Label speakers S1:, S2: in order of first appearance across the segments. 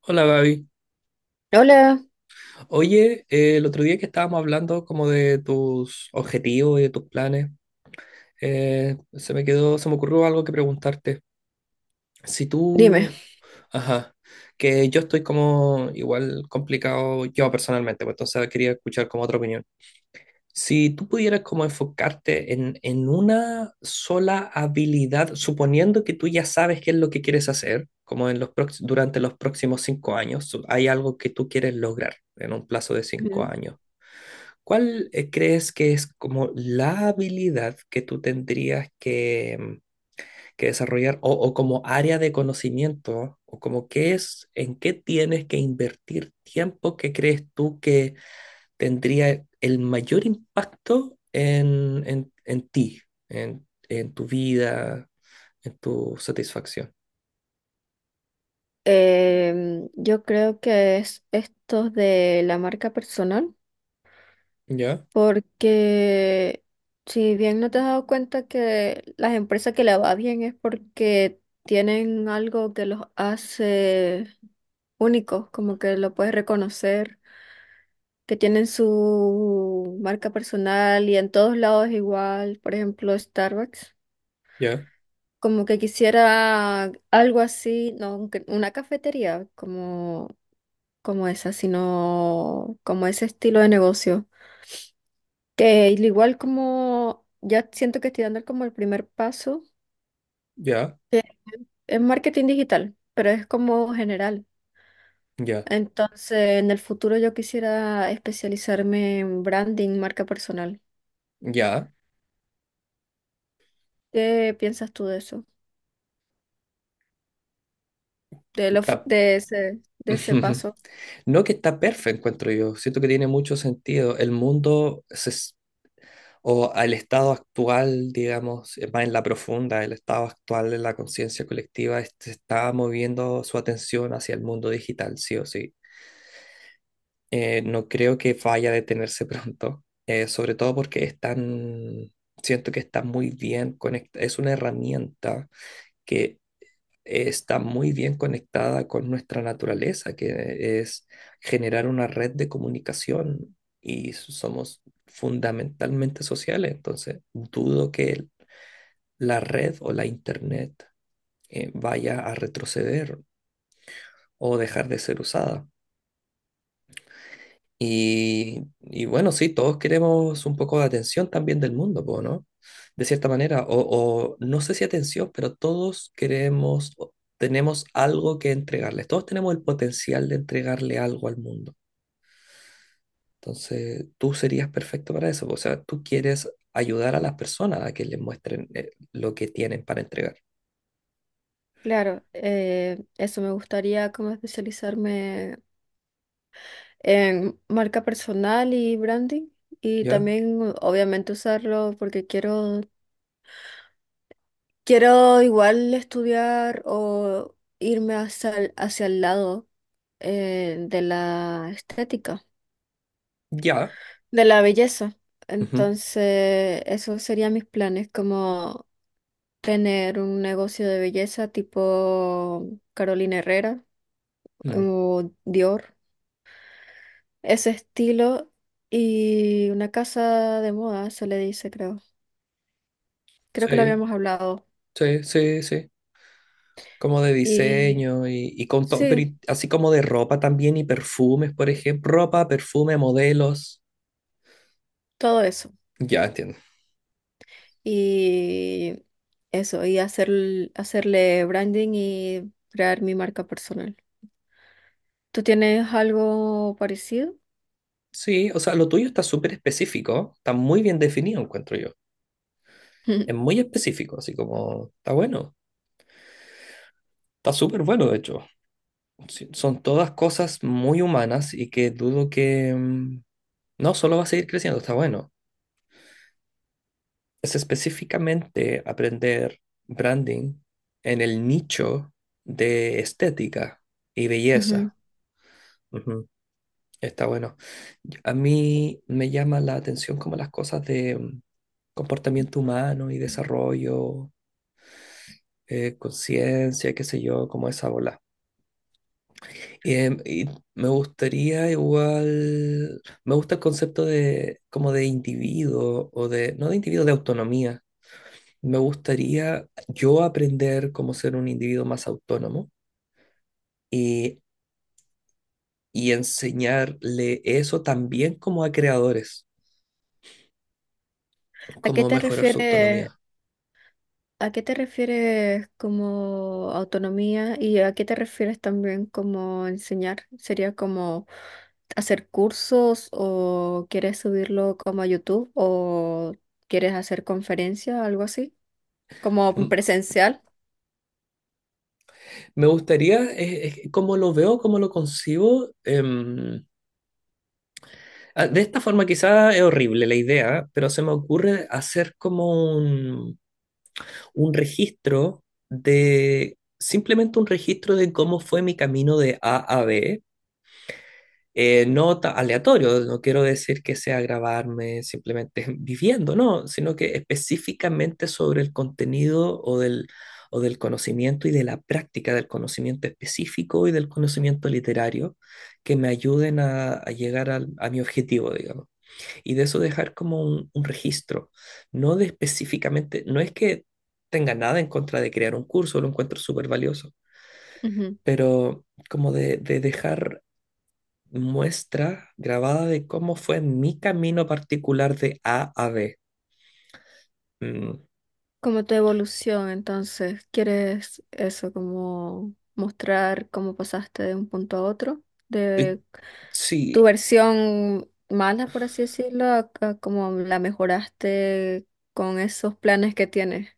S1: Hola Gaby.
S2: Hola,
S1: Oye, el otro día que estábamos hablando como de tus objetivos y de tus planes, se me ocurrió algo que preguntarte. Si
S2: dime.
S1: tú, ajá, que yo estoy como igual complicado yo personalmente, pues entonces quería escuchar como otra opinión. Si tú pudieras como enfocarte en una sola habilidad, suponiendo que tú ya sabes qué es lo que quieres hacer, como en los durante los próximos cinco años, hay algo que tú quieres lograr en un plazo de cinco
S2: Ujú.
S1: años. ¿Cuál crees que es como la habilidad que tú tendrías que, que desarrollar o como área de conocimiento o como qué es, en qué tienes que invertir tiempo que crees tú que tendría el mayor impacto en ti, en tu vida, en tu satisfacción.
S2: Yo creo que es esto de la marca personal,
S1: Ya,
S2: porque si bien no te has dado cuenta que las empresas que le va bien es porque tienen algo que los hace únicos, como que lo puedes reconocer, que tienen su marca personal y en todos lados es igual, por ejemplo, Starbucks.
S1: ya,
S2: Como que quisiera algo así, no un una cafetería como, como esa, sino como ese estilo de negocio. Que al igual como ya siento que estoy dando como el primer paso,
S1: ya,
S2: que es marketing digital, pero es como general.
S1: ya,
S2: Entonces, en el futuro yo quisiera especializarme en branding, marca personal.
S1: ya.
S2: ¿Qué piensas tú de eso? De
S1: Está-
S2: de de ese paso.
S1: No, que está perfecto, encuentro yo. Siento que tiene mucho sentido. El mundo se s- O al estado actual, digamos, más en la profunda, el estado actual de la conciencia colectiva es- se está moviendo su atención hacia el mundo digital, sí o sí. No creo que vaya a detenerse pronto, sobre todo porque están, siento que está muy bien conectada, es una herramienta que está muy bien conectada con nuestra naturaleza, que es generar una red de comunicación y somos fundamentalmente sociales, entonces dudo que la red o la internet vaya a retroceder o dejar de ser usada. Y bueno, sí, todos queremos un poco de atención también del mundo, po, ¿no? De cierta manera, o no sé si atención, pero todos queremos, o tenemos algo que entregarles, todos tenemos el potencial de entregarle algo al mundo. Entonces, tú serías perfecto para eso, po, o sea, tú quieres ayudar a las personas a que les muestren lo que tienen para entregar,
S2: Claro, eso me gustaría como especializarme en marca personal y branding y
S1: ¿ya?
S2: también obviamente usarlo porque quiero igual estudiar o irme hacia hacia el lado de la estética,
S1: Ya.
S2: de la belleza.
S1: Ujú,
S2: Entonces, esos serían mis planes, como tener un negocio de belleza tipo Carolina Herrera
S1: ujú.
S2: o Dior, ese estilo y una casa de moda, se le dice, creo. Creo que lo
S1: Sí,
S2: habíamos hablado.
S1: sí, sí, sí. Como de
S2: Y
S1: diseño y con todo, pero
S2: sí,
S1: así como de ropa también y perfumes, por ejemplo, ropa, perfume, modelos.
S2: todo eso.
S1: Ya entiendo.
S2: Y eso, y hacerle branding y crear mi marca personal. ¿Tú tienes algo parecido?
S1: Sí, o sea, lo tuyo está súper específico, está muy bien definido, encuentro yo. Es muy específico, así como está bueno, está súper bueno, de hecho. Sí, son todas cosas muy humanas y que dudo que no, solo va a seguir creciendo, está bueno. Es específicamente aprender branding en el nicho de estética y
S2: Ujú.
S1: belleza. Ujú, está bueno. A mí me llama la atención como las cosas de comportamiento humano y desarrollo, conciencia, qué sé yo, como esa bola. Y me gustaría igual, me gusta el concepto de como de individuo o de, no de individuo, de autonomía. Me gustaría yo aprender cómo ser un individuo más autónomo y, y enseñarle eso también como a creadores,
S2: ¿A qué
S1: cómo
S2: te
S1: mejorar su
S2: refieres,
S1: autonomía.
S2: a qué te refieres como autonomía y a qué te refieres también como enseñar? ¿Sería como hacer cursos o quieres subirlo como a YouTube o quieres hacer conferencias, algo así? Como
S1: Mm.
S2: presencial,
S1: Me gustaría, es como lo veo, como lo concibo. De esta forma quizá es horrible la idea, pero se me ocurre hacer como un registro de, simplemente un registro de cómo fue mi camino de A a B. Aleatorio, no quiero decir que sea grabarme simplemente viviendo, no, sino que específicamente sobre el contenido o del conocimiento y de la práctica del conocimiento específico y del conocimiento literario que me ayuden a llegar a mi objetivo, digamos. Y de eso dejar como un registro, no de específicamente, no es que tenga nada en contra de crear un curso, lo encuentro súper valioso,
S2: ujú.
S1: pero como de dejar muestra grabada de cómo fue mi camino particular de A a B. Mm,
S2: Como tu evolución, entonces, ¿quieres eso, como mostrar cómo pasaste de un punto a otro?
S1: eh,
S2: De tu
S1: Sí,
S2: versión mala, por así decirlo, a cómo la mejoraste con esos planes que tienes.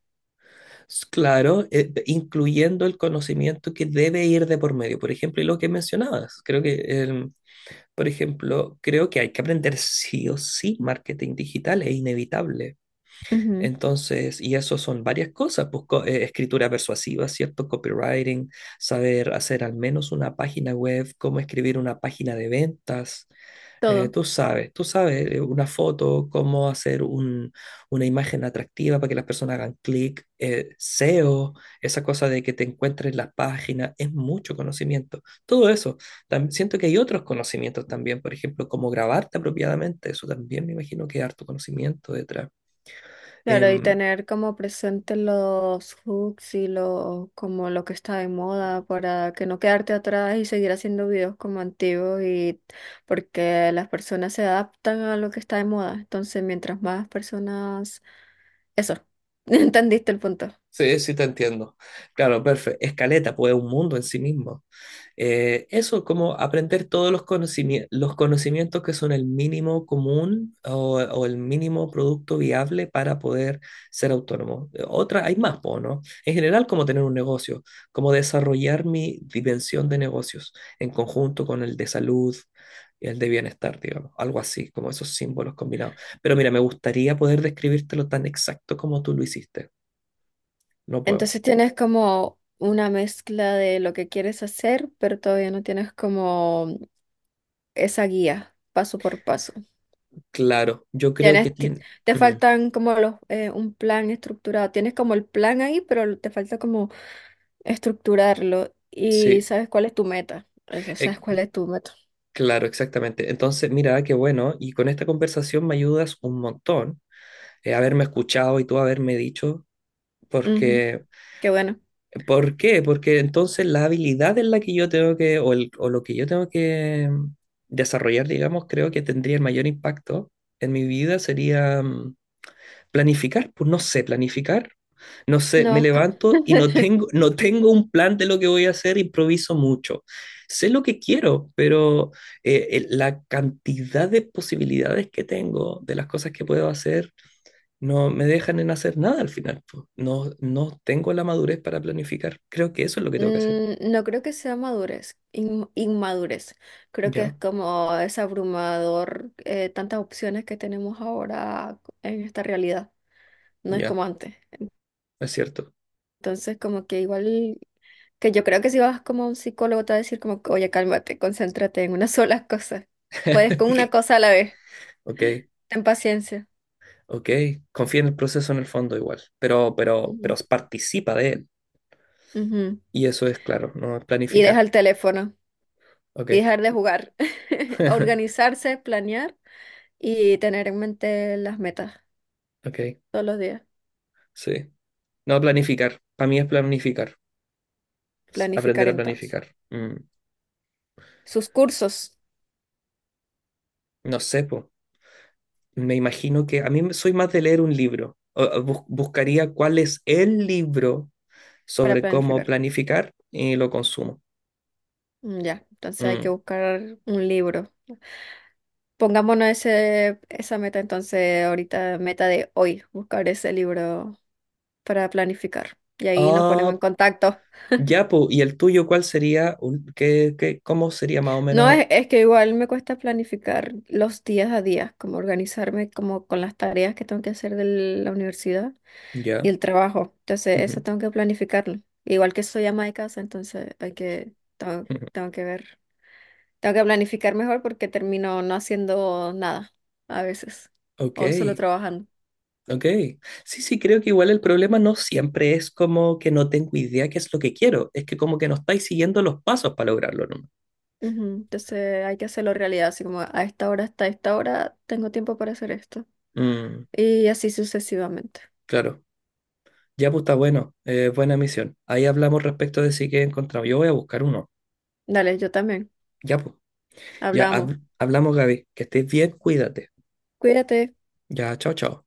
S1: claro, incluyendo el conocimiento que debe ir de por medio. Por ejemplo, y lo que mencionabas, creo que, por ejemplo, creo que hay que aprender sí o sí marketing digital, es inevitable.
S2: Ujú.
S1: Entonces, y eso son varias cosas, escritura persuasiva, ¿cierto? Copywriting, saber hacer al menos una página web, cómo escribir una página de ventas.
S2: Todo.
S1: Tú sabes, tú sabes, una foto, cómo hacer una imagen atractiva para que las personas hagan clic, SEO, esa cosa de que te encuentres las páginas, es mucho conocimiento. Todo eso. Siento que hay otros conocimientos también, por ejemplo, cómo grabarte apropiadamente, eso también me imagino que hay harto conocimiento detrás.
S2: Claro, y
S1: Em,
S2: tener como presente los hooks y como lo que está de moda para que no quedarte atrás y seguir haciendo videos como antiguos y porque las personas se adaptan a lo que está de moda. Entonces, mientras más personas... Eso, entendiste el punto.
S1: sí, sí te entiendo. Claro, perfecto. Escaleta, pues es un mundo en sí mismo. Eso, como aprender todos los los conocimientos que son el mínimo común o el mínimo producto viable para poder ser autónomo. Otra, hay más, po, ¿no? En general, como tener un negocio, como desarrollar mi dimensión de negocios en conjunto con el de salud y el de bienestar, digamos, algo así, como esos símbolos combinados. Pero mira, me gustaría poder describírtelo tan exacto como tú lo hiciste. No puedo.
S2: Entonces tienes como una mezcla de lo que quieres hacer, pero todavía no tienes como esa guía paso por paso.
S1: Claro, yo creo que
S2: Tienes, ti-
S1: tiene...
S2: Te
S1: Mm,
S2: faltan como los, un plan estructurado. Tienes como el plan ahí, pero te falta como estructurarlo. Y
S1: sí.
S2: sabes cuál es tu meta. Eso, sabes
S1: Eh,
S2: cuál es tu meta.
S1: Claro, exactamente. Entonces, mira, qué bueno. Y con esta conversación me ayudas un montón. Haberme escuchado y tú haberme dicho,
S2: Ujú.
S1: porque,
S2: Qué bueno.
S1: ¿por qué? Porque entonces la habilidad en la que yo tengo que, o, o lo que yo tengo que desarrollar, digamos, creo que tendría el mayor impacto en mi vida sería planificar, pues no sé planificar. No sé, me
S2: No,
S1: levanto y no tengo un plan de lo que voy a hacer, improviso mucho. Sé lo que quiero, pero la cantidad de posibilidades que tengo, de las cosas que puedo hacer, no me dejan en hacer nada al final, pues. No, no tengo la madurez para planificar. Creo que eso es lo que tengo que hacer.
S2: no creo que sea madurez, inmadurez. Creo que
S1: Ya,
S2: es como es abrumador tantas opciones que tenemos ahora en esta realidad. No es
S1: ya,
S2: como antes.
S1: es cierto.
S2: Entonces, como que igual. Que yo creo que si vas como a un psicólogo te va a decir como, que, oye, cálmate, concéntrate en una sola cosa. Puedes con una cosa a la vez.
S1: Ok,
S2: Ten paciencia.
S1: ok. Confía en el proceso en el fondo igual, pero
S2: Ujú,
S1: participa de él.
S2: ujú.
S1: Y eso es claro, no es
S2: Y
S1: planificar.
S2: deja el teléfono
S1: Ok,
S2: y dejar de jugar. Organizarse, planear y tener en mente las metas
S1: ok,
S2: todos los días.
S1: sí. No, planificar. Para mí es planificar. Es aprender
S2: Planificar
S1: a
S2: entonces.
S1: planificar.
S2: Sus cursos
S1: No sé, po. Me imagino que a soy más de leer un libro. Buscaría cuál es el libro
S2: para
S1: sobre cómo
S2: planificar.
S1: planificar y lo consumo.
S2: Mm, ya, entonces hay que
S1: Mm.
S2: buscar un libro. Pongámonos esa meta entonces ahorita, meta de hoy, buscar ese libro para planificar. Y ahí nos ponemos en
S1: Ah,
S2: contacto.
S1: ya, po. ¿Y el tuyo cuál sería? ¿Qué, cómo sería más o
S2: No,
S1: menos?
S2: es que igual me cuesta planificar los días a días, como organizarme como con las tareas que tengo que hacer de la universidad y
S1: Ya.
S2: el trabajo. Entonces, eso
S1: Ujú,
S2: tengo que planificarlo. Igual que soy ama de casa, entonces hay que,
S1: ujú.
S2: tengo que ver, tengo que planificar mejor porque termino no haciendo nada a veces
S1: Ok.
S2: o solo trabajando.
S1: Ok, sí, sí, creo que igual el problema no siempre es como que no tengo idea qué es lo que quiero, es que como que no estáis siguiendo los pasos para lograrlo, ¿no?
S2: Ujú. Entonces hay que hacerlo realidad, así como a esta hora hasta esta hora tengo tiempo para hacer esto
S1: Mm,
S2: y así sucesivamente.
S1: claro, ya pues está bueno, buena misión. Ahí hablamos respecto de si que he encontrado. Yo voy a buscar uno.
S2: Dale, yo también.
S1: Ya pues, ya
S2: Hablamos.
S1: hablamos, Gaby, que estés bien, cuídate.
S2: Cuídate.
S1: Ya, chao, chao.